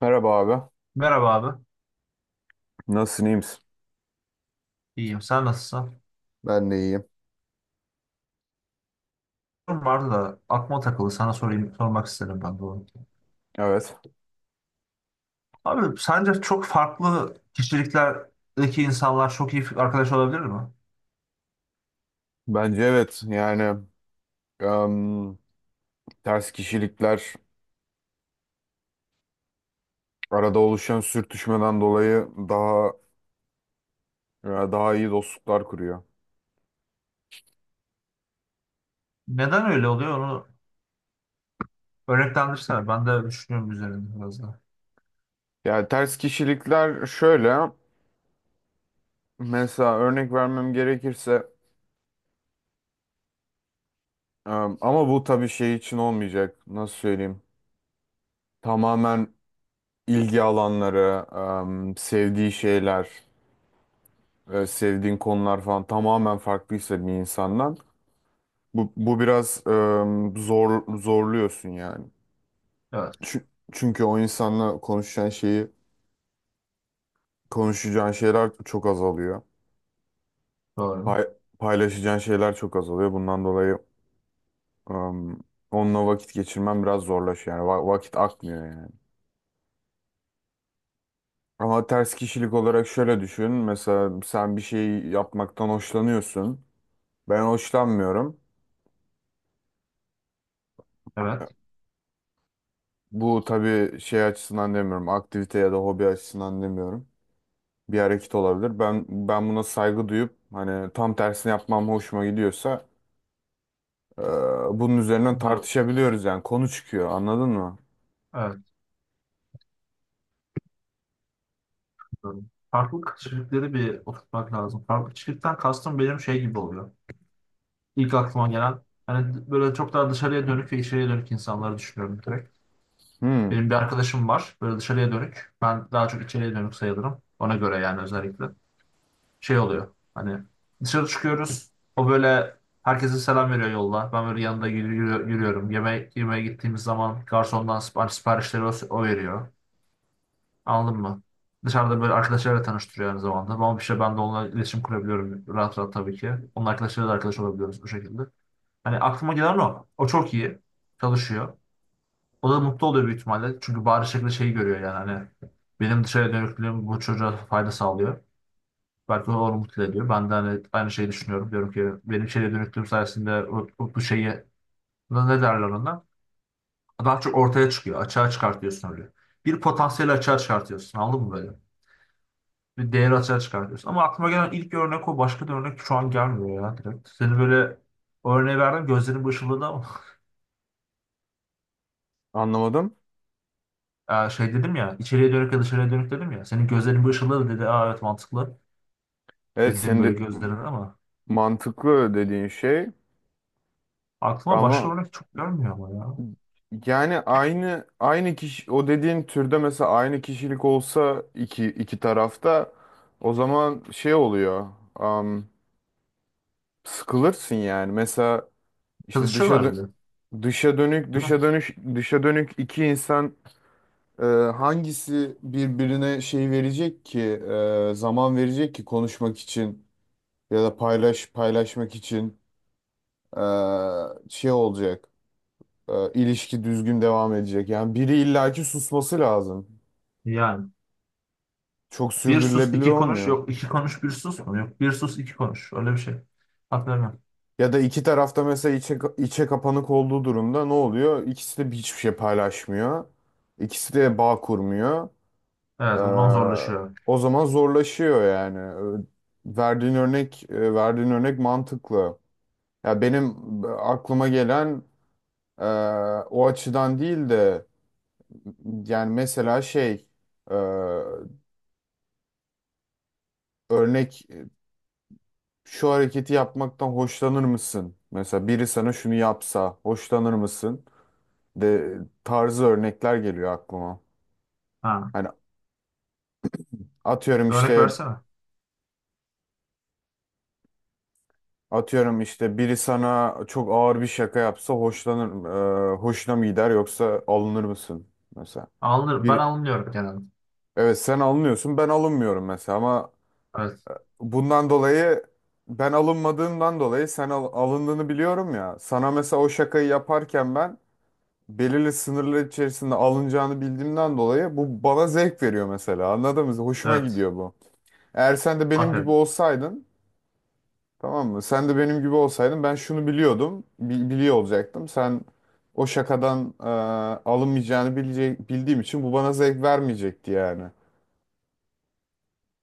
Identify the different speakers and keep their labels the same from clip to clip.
Speaker 1: Merhaba abi.
Speaker 2: Merhaba abi.
Speaker 1: Nasılsın, iyi misin?
Speaker 2: İyiyim. Sen nasılsın?
Speaker 1: Ben de iyiyim.
Speaker 2: Sorum vardı da aklıma takıldı. Sana sorayım, sormak istedim ben de onu.
Speaker 1: Evet.
Speaker 2: Abi sence çok farklı kişiliklerdeki insanlar çok iyi arkadaş olabilir mi?
Speaker 1: Bence evet. Yani em, ters kişilikler arada oluşan sürtüşmeden dolayı daha daha iyi dostluklar kuruyor.
Speaker 2: Neden öyle oluyor onu örneklendirsene. Ben de düşünüyorum üzerinde biraz da.
Speaker 1: Yani ters kişilikler şöyle. Mesela örnek vermem gerekirse ama bu tabii şey için olmayacak. Nasıl söyleyeyim? Tamamen ilgi alanları, sevdiği şeyler, sevdiğin konular falan tamamen farklıysa bir insandan. Bu biraz zorluyorsun yani.
Speaker 2: Evet.
Speaker 1: Çü- Çünkü o insanla konuşacağın şeyi, konuşacağın şeyler çok azalıyor.
Speaker 2: Doğru.
Speaker 1: Pay- paylaşacağın şeyler çok azalıyor. Bundan dolayı em, onunla vakit geçirmen biraz zorlaşıyor. Yani vakit akmıyor yani. Ama ters kişilik olarak şöyle düşün. Mesela sen bir şey yapmaktan hoşlanıyorsun. Ben hoşlanmıyorum.
Speaker 2: Evet.
Speaker 1: Bu tabii şey açısından demiyorum. Aktivite ya da hobi açısından demiyorum. Bir hareket olabilir. Ben buna saygı duyup hani tam tersini yapmam hoşuma gidiyorsa e, bunun üzerinden
Speaker 2: Evet.
Speaker 1: tartışabiliyoruz yani konu çıkıyor anladın mı?
Speaker 2: Evet. Doğru. Farklı kişilikleri bir oturtmak lazım. Farklı kişilikten kastım benim şey gibi oluyor. İlk aklıma gelen hani böyle çok daha dışarıya dönük ve içeriye dönük insanları düşünüyorum direkt.
Speaker 1: Hmm,
Speaker 2: Benim bir arkadaşım var. Böyle dışarıya dönük. Ben daha çok içeriye dönük sayılırım. Ona göre yani özellikle. Şey oluyor. Hani dışarı çıkıyoruz. O böyle herkese selam veriyor yolda. Ben böyle yanında yürüyorum. Yemek yemeye gittiğimiz zaman garsondan siparişleri o veriyor. Anladın mı? Dışarıda böyle arkadaşlarla tanıştırıyor aynı zamanda. Ama bir şey ben de onunla iletişim kurabiliyorum rahat rahat tabii ki. Onun arkadaşlarıyla da arkadaş olabiliyoruz bu şekilde. Hani aklıma gelen o. O çok iyi. Çalışıyor. O da mutlu oluyor büyük ihtimalle. Çünkü bari şekilde şeyi görüyor yani hani benim dışarıya dönüklüğüm bu çocuğa fayda sağlıyor. Belki o onu mutlu ediyor. Ben de hani aynı şeyi düşünüyorum. Diyorum ki benim içeriye dönüklüğüm sayesinde bu şeyi ne derler ona? Daha çok ortaya çıkıyor. Açığa çıkartıyorsun öyle. Bir potansiyeli açığa çıkartıyorsun. Anladın mı böyle? Bir değeri açığa çıkartıyorsun. Ama aklıma gelen ilk örnek o. Başka bir örnek şu an gelmiyor ya direkt. Seni böyle o örneği verdim. Gözlerin bu ışıldadı ama.
Speaker 1: anlamadım.
Speaker 2: Şey dedim ya. İçeriye dönük ya dışarıya dönük dedim ya. Senin gözlerin bu ışıldadı dedi. Aa evet mantıklı.
Speaker 1: Evet,
Speaker 2: Dedenin
Speaker 1: senin
Speaker 2: böyle
Speaker 1: de
Speaker 2: gözlerine ama
Speaker 1: mantıklı dediğin şey
Speaker 2: aklıma başka
Speaker 1: ama
Speaker 2: örnek çok gelmiyor ama ya.
Speaker 1: yani aynı kişi o dediğin türde mesela aynı kişilik olsa iki tarafta o zaman şey oluyor. am, Sıkılırsın yani. Mesela işte
Speaker 2: Kızışıyorlar bile.
Speaker 1: dışa dönük
Speaker 2: Değil mi?
Speaker 1: dışa dönüş dışa dönük iki insan. Ee, Hangisi birbirine şey verecek ki zaman verecek ki konuşmak için ya da paylaşmak için e, şey olacak, ilişki düzgün devam edecek yani biri illaki susması lazım.
Speaker 2: Yani
Speaker 1: Çok
Speaker 2: bir sus
Speaker 1: sürdürülebilir
Speaker 2: iki konuş
Speaker 1: olmuyor.
Speaker 2: yok iki konuş bir sus mu yok bir sus iki konuş öyle bir şey. Hatırlamıyorum.
Speaker 1: Ya da iki tarafta mesela içe kapanık olduğu durumda ne oluyor? İkisi de hiçbir şey paylaşmıyor, ikisi de bağ kurmuyor.
Speaker 2: Evet o zaman
Speaker 1: Ee,
Speaker 2: zorlaşıyor.
Speaker 1: O zaman zorlaşıyor yani. Ee, verdiğin örnek mantıklı. Ya benim aklıma gelen e, o açıdan değil de yani mesela e, örnek e, şu hareketi yapmaktan hoşlanır mısın? Mesela biri sana şunu yapsa hoşlanır mısın? De tarzı örnekler geliyor aklıma.
Speaker 2: Ha.
Speaker 1: Hani atıyorum
Speaker 2: Örnek
Speaker 1: işte.
Speaker 2: versene.
Speaker 1: Atıyorum işte, biri sana çok ağır bir şaka yapsa hoşuna mı gider yoksa alınır mısın mesela?
Speaker 2: Alınır, ben
Speaker 1: Bir,
Speaker 2: alınıyorum genelde.
Speaker 1: evet sen alınıyorsun ben alınmıyorum mesela ama
Speaker 2: Evet.
Speaker 1: bundan dolayı, ben alınmadığımdan dolayı sen alındığını biliyorum ya. Sana mesela o şakayı yaparken ben belirli sınırlar içerisinde alınacağını bildiğimden dolayı bu bana zevk veriyor mesela, anladın mı? Hoşuma
Speaker 2: Evet.
Speaker 1: gidiyor bu. Eğer sen de benim gibi
Speaker 2: Aferin.
Speaker 1: olsaydın. Tamam mı? Sen de benim gibi olsaydın ben şunu biliyordum. Biliyor olacaktım. Sen o şakadan bildiğim için bu bana zevk vermeyecekti yani.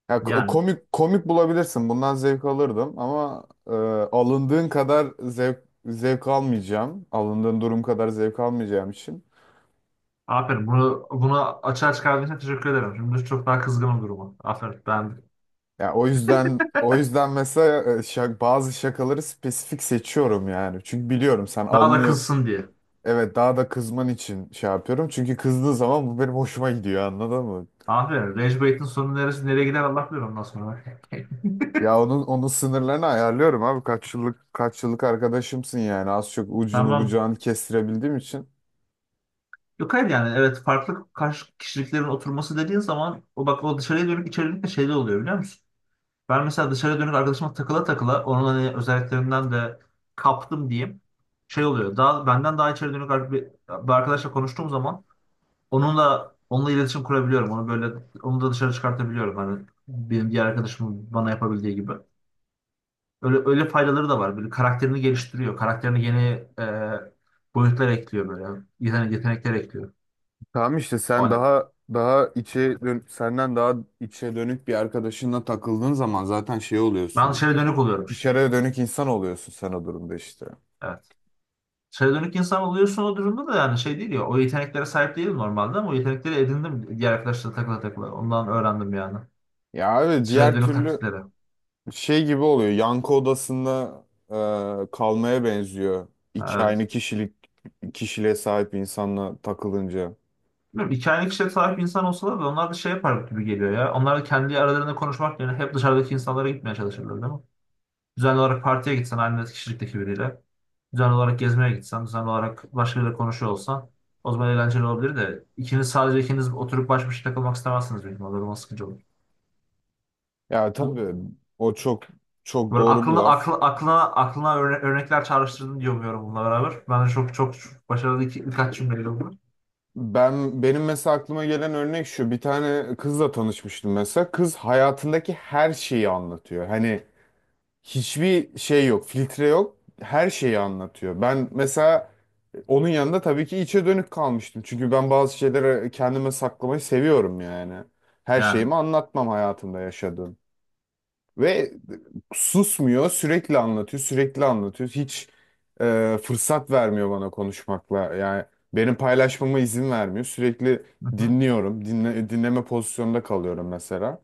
Speaker 1: Ya,
Speaker 2: Yani.
Speaker 1: komik bulabilirsin. Bundan zevk alırdım ama alındığın kadar zevk almayacağım. Alındığın durum kadar zevk almayacağım için.
Speaker 2: Aferin. Bunu açığa çıkardığın için teşekkür ederim. Şimdi çok daha kızgınım duruma. Aferin. Ben
Speaker 1: Ya o yüzden mesela bazı şakaları spesifik seçiyorum yani. Çünkü biliyorum sen
Speaker 2: daha da
Speaker 1: alınıyor.
Speaker 2: kızsın diye.
Speaker 1: Evet, daha da kızman için şey yapıyorum. Çünkü kızdığı zaman bu benim hoşuma gidiyor, anladın mı?
Speaker 2: Aferin. Rage Bait'in sonu neresi nereye gider Allah bilir ondan sonra.
Speaker 1: Ya onun sınırlarını ayarlıyorum abi. Kaç yıllık arkadaşımsın yani. Az çok ucunu
Speaker 2: Tamam.
Speaker 1: bucağını kestirebildiğim için.
Speaker 2: Yok hayır yani evet farklı karşı kişiliklerin oturması dediğin zaman o bak o dışarıya dönük içerilik de şeyde oluyor biliyor musun? Ben mesela dışarıya dönük arkadaşıma takıla takıla onun hani özelliklerinden de kaptım diyeyim. Şey oluyor daha benden daha içeri dönük bir arkadaşla konuştuğum zaman onunla iletişim kurabiliyorum. Onu böyle onu da dışarı çıkartabiliyorum. Hani benim diğer arkadaşımın bana yapabildiği gibi. Öyle öyle faydaları da var. Böyle karakterini geliştiriyor. Karakterini yeni boyutlar ekliyor böyle. Yetenekler ekliyor.
Speaker 1: Tamam işte sen daha senden daha içe dönük bir arkadaşınla takıldığın zaman zaten şey
Speaker 2: Ben
Speaker 1: oluyorsun.
Speaker 2: dışarı dönük oluyorum işte.
Speaker 1: Dışarıya dönük insan oluyorsun sen o durumda işte.
Speaker 2: Evet. Dışarı dönük insan oluyorsun o durumda da yani şey değil ya. O yeteneklere sahip değilim normalde ama o yetenekleri edindim diğer arkadaşlarla takıla takıla. Ondan öğrendim yani.
Speaker 1: Ya abi
Speaker 2: Dışarı
Speaker 1: diğer
Speaker 2: dönük
Speaker 1: türlü
Speaker 2: taktikleri.
Speaker 1: şey gibi oluyor. Yankı odasında kalmaya benziyor. İki aynı
Speaker 2: Evet.
Speaker 1: kişiliğe sahip insanla takılınca.
Speaker 2: Bilmiyorum, iki kişiye sahip insan olsalar da onlar da şey yapar gibi geliyor ya. Onlar da kendi aralarında konuşmak yerine hep dışarıdaki insanlara gitmeye çalışırlar değil mi? Düzenli olarak partiye gitsen aynı kişilikteki biriyle. Düzenli olarak gezmeye gitsen, düzenli olarak başkalarıyla konuşuyor olsan o zaman eğlenceli olabilir de ikiniz sadece ikiniz oturup baş başa takılmak istemezsiniz benim. O zaman sıkıcı olur.
Speaker 1: Ya tabii o çok
Speaker 2: Böyle
Speaker 1: doğru bir
Speaker 2: aklına
Speaker 1: laf.
Speaker 2: akl, aklına aklına örnekler çağrıştırdın diye umuyorum bununla beraber. Bence çok çok başarılı birkaç cümleydi bunlar.
Speaker 1: Benim mesela aklıma gelen örnek şu. Bir tane kızla tanışmıştım mesela. Kız hayatındaki her şeyi anlatıyor. Hani hiçbir şey yok, filtre yok. Her şeyi anlatıyor. Ben mesela onun yanında tabii ki içe dönük kalmıştım. Çünkü ben bazı şeyleri kendime saklamayı seviyorum yani. Her
Speaker 2: Yani.
Speaker 1: şeyimi anlatmam hayatımda yaşadığım. Ve susmuyor, sürekli anlatıyor, sürekli anlatıyor. Hiç fırsat vermiyor bana konuşmakla. Yani benim paylaşmama izin vermiyor. Sürekli
Speaker 2: Hı hı.
Speaker 1: dinliyorum. Dinleme pozisyonunda kalıyorum mesela.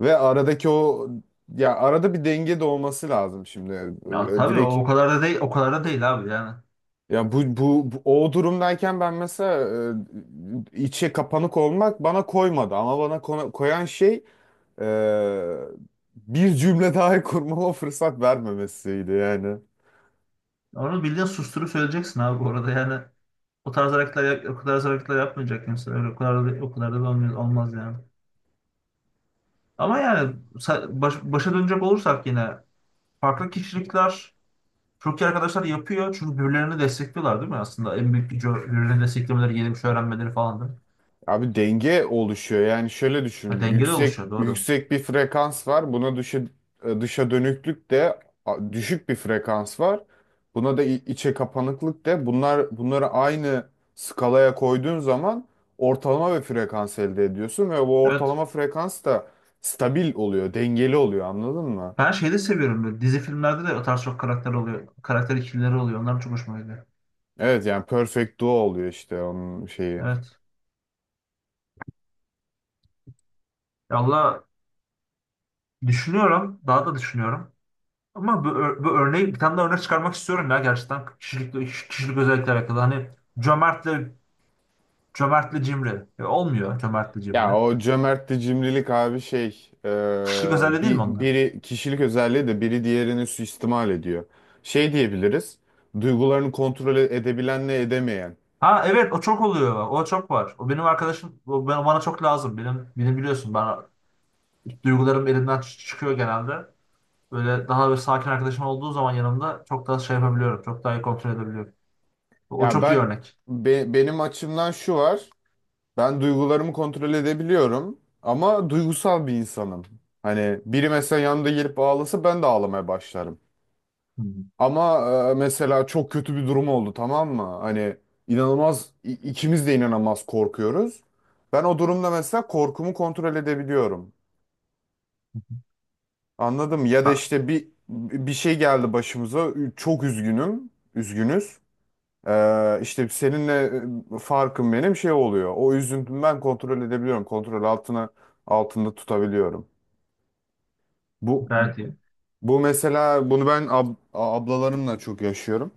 Speaker 1: Ve aradaki o, ya arada bir denge de olması lazım şimdi.
Speaker 2: Ya tabii
Speaker 1: Direkt,
Speaker 2: o kadar da değil o kadar da değil abi yani.
Speaker 1: ya o durumdayken ben mesela içe kapanık olmak bana koymadı ama bana koyan şey e, bir cümle daha kurmama fırsat vermemesiydi yani.
Speaker 2: Onu bildiğin susturup söyleyeceksin abi bu arada yani. O tarz hareketler o tarz hareketler yapmayacak insan. Öyle o kadar da olmaz yani. Ama yani başa dönecek olursak yine farklı kişilikler çok iyi arkadaşlar yapıyor. Çünkü birbirlerini destekliyorlar değil mi aslında? En büyük gücü birbirlerini desteklemeleri, yeni bir şey öğrenmeleri falan değil mi?
Speaker 1: Abi denge oluşuyor. Yani şöyle
Speaker 2: Ha,
Speaker 1: düşün.
Speaker 2: dengeli
Speaker 1: Yüksek
Speaker 2: oluşuyor doğru.
Speaker 1: yüksek bir frekans var. Buna dışa dönüklük de. Düşük bir frekans var. Buna da içe kapanıklık de. Bunları aynı skalaya koyduğun zaman ortalama bir frekans elde ediyorsun ve bu
Speaker 2: Evet.
Speaker 1: ortalama frekans da stabil oluyor, dengeli oluyor. Anladın mı?
Speaker 2: Ben şeyi de seviyorum böyle. Dizi filmlerde de o tarz çok karakter oluyor. Karakter ikilileri oluyor. Onlar çok hoşuma gidiyor.
Speaker 1: Evet yani perfect duo oluyor işte onun şeyi.
Speaker 2: Evet. Ya valla düşünüyorum. Daha da düşünüyorum. Ama bu örneği bir tane daha örnek çıkarmak istiyorum ya gerçekten. Kişilik özellikle alakalı. Hani cömertle cömertle cimri. E, olmuyor cömertle
Speaker 1: Ya
Speaker 2: cimri.
Speaker 1: o cömertli cimrilik abi
Speaker 2: Kişilik özelliği değil mi onlar?
Speaker 1: biri kişilik özelliği de biri diğerini suistimal ediyor. Şey diyebiliriz, duygularını kontrol edebilenle edemeyen.
Speaker 2: Ha evet o çok oluyor. O çok var. O benim arkadaşım. O bana çok lazım. Benim biliyorsun. Ben duygularım elimden çıkıyor genelde. Böyle daha böyle sakin arkadaşım olduğu zaman yanımda çok daha şey yapabiliyorum. Çok daha iyi kontrol edebiliyorum. O
Speaker 1: Ya
Speaker 2: çok iyi örnek.
Speaker 1: benim açımdan şu var, ben duygularımı kontrol edebiliyorum ama duygusal bir insanım. Hani biri mesela yanımda gelip ağlasa ben de ağlamaya başlarım.
Speaker 2: Hmm.
Speaker 1: Ama mesela çok kötü bir durum oldu, tamam mı? Hani ikimiz de inanılmaz korkuyoruz. Ben o durumda mesela korkumu kontrol edebiliyorum. Anladım. Ya da
Speaker 2: Bak,
Speaker 1: işte bir şey geldi başımıza. Çok üzgünüm. Üzgünüz. İşte seninle farkım benim şey oluyor. O üzüntümü ben kontrol edebiliyorum. Kontrol altında tutabiliyorum. Bu
Speaker 2: gayet iyi.
Speaker 1: bu mesela bunu ben ablalarımla çok yaşıyorum.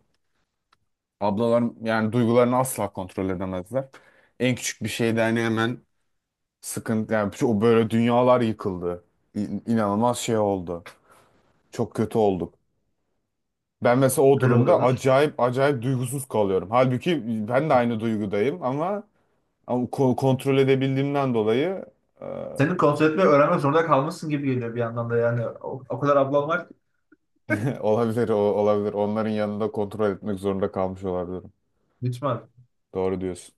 Speaker 1: Ablalarım yani duygularını asla kontrol edemezler. En küçük bir şeyde hani hemen sıkıntı yani o böyle dünyalar yıkıldı. İnanılmaz şey oldu. Çok kötü olduk. Ben mesela o
Speaker 2: Öyle
Speaker 1: durumda
Speaker 2: oluyorlar.
Speaker 1: acayip duygusuz kalıyorum. Halbuki ben de aynı duygudayım ama, ama kontrol edebildiğimden dolayı e,
Speaker 2: Senin kontrol etmeyi öğrenmek zorunda kalmışsın gibi geliyor bir yandan da yani. O kadar ablan var ki.
Speaker 1: olabilir. Onların yanında kontrol etmek zorunda kalmış olabilirim.
Speaker 2: Lütfen.
Speaker 1: Doğru diyorsun.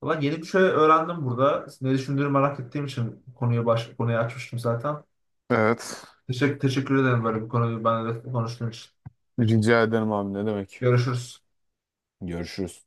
Speaker 2: Ulan yeni bir şey öğrendim burada. Ne düşündüğünü merak ettiğim için konuyu konuyu açmıştım zaten.
Speaker 1: Evet.
Speaker 2: Teşekkür ederim böyle bir konuyu benimle konuştuğun için.
Speaker 1: Rica ederim abi, ne demek.
Speaker 2: Görüşürüz.
Speaker 1: Görüşürüz.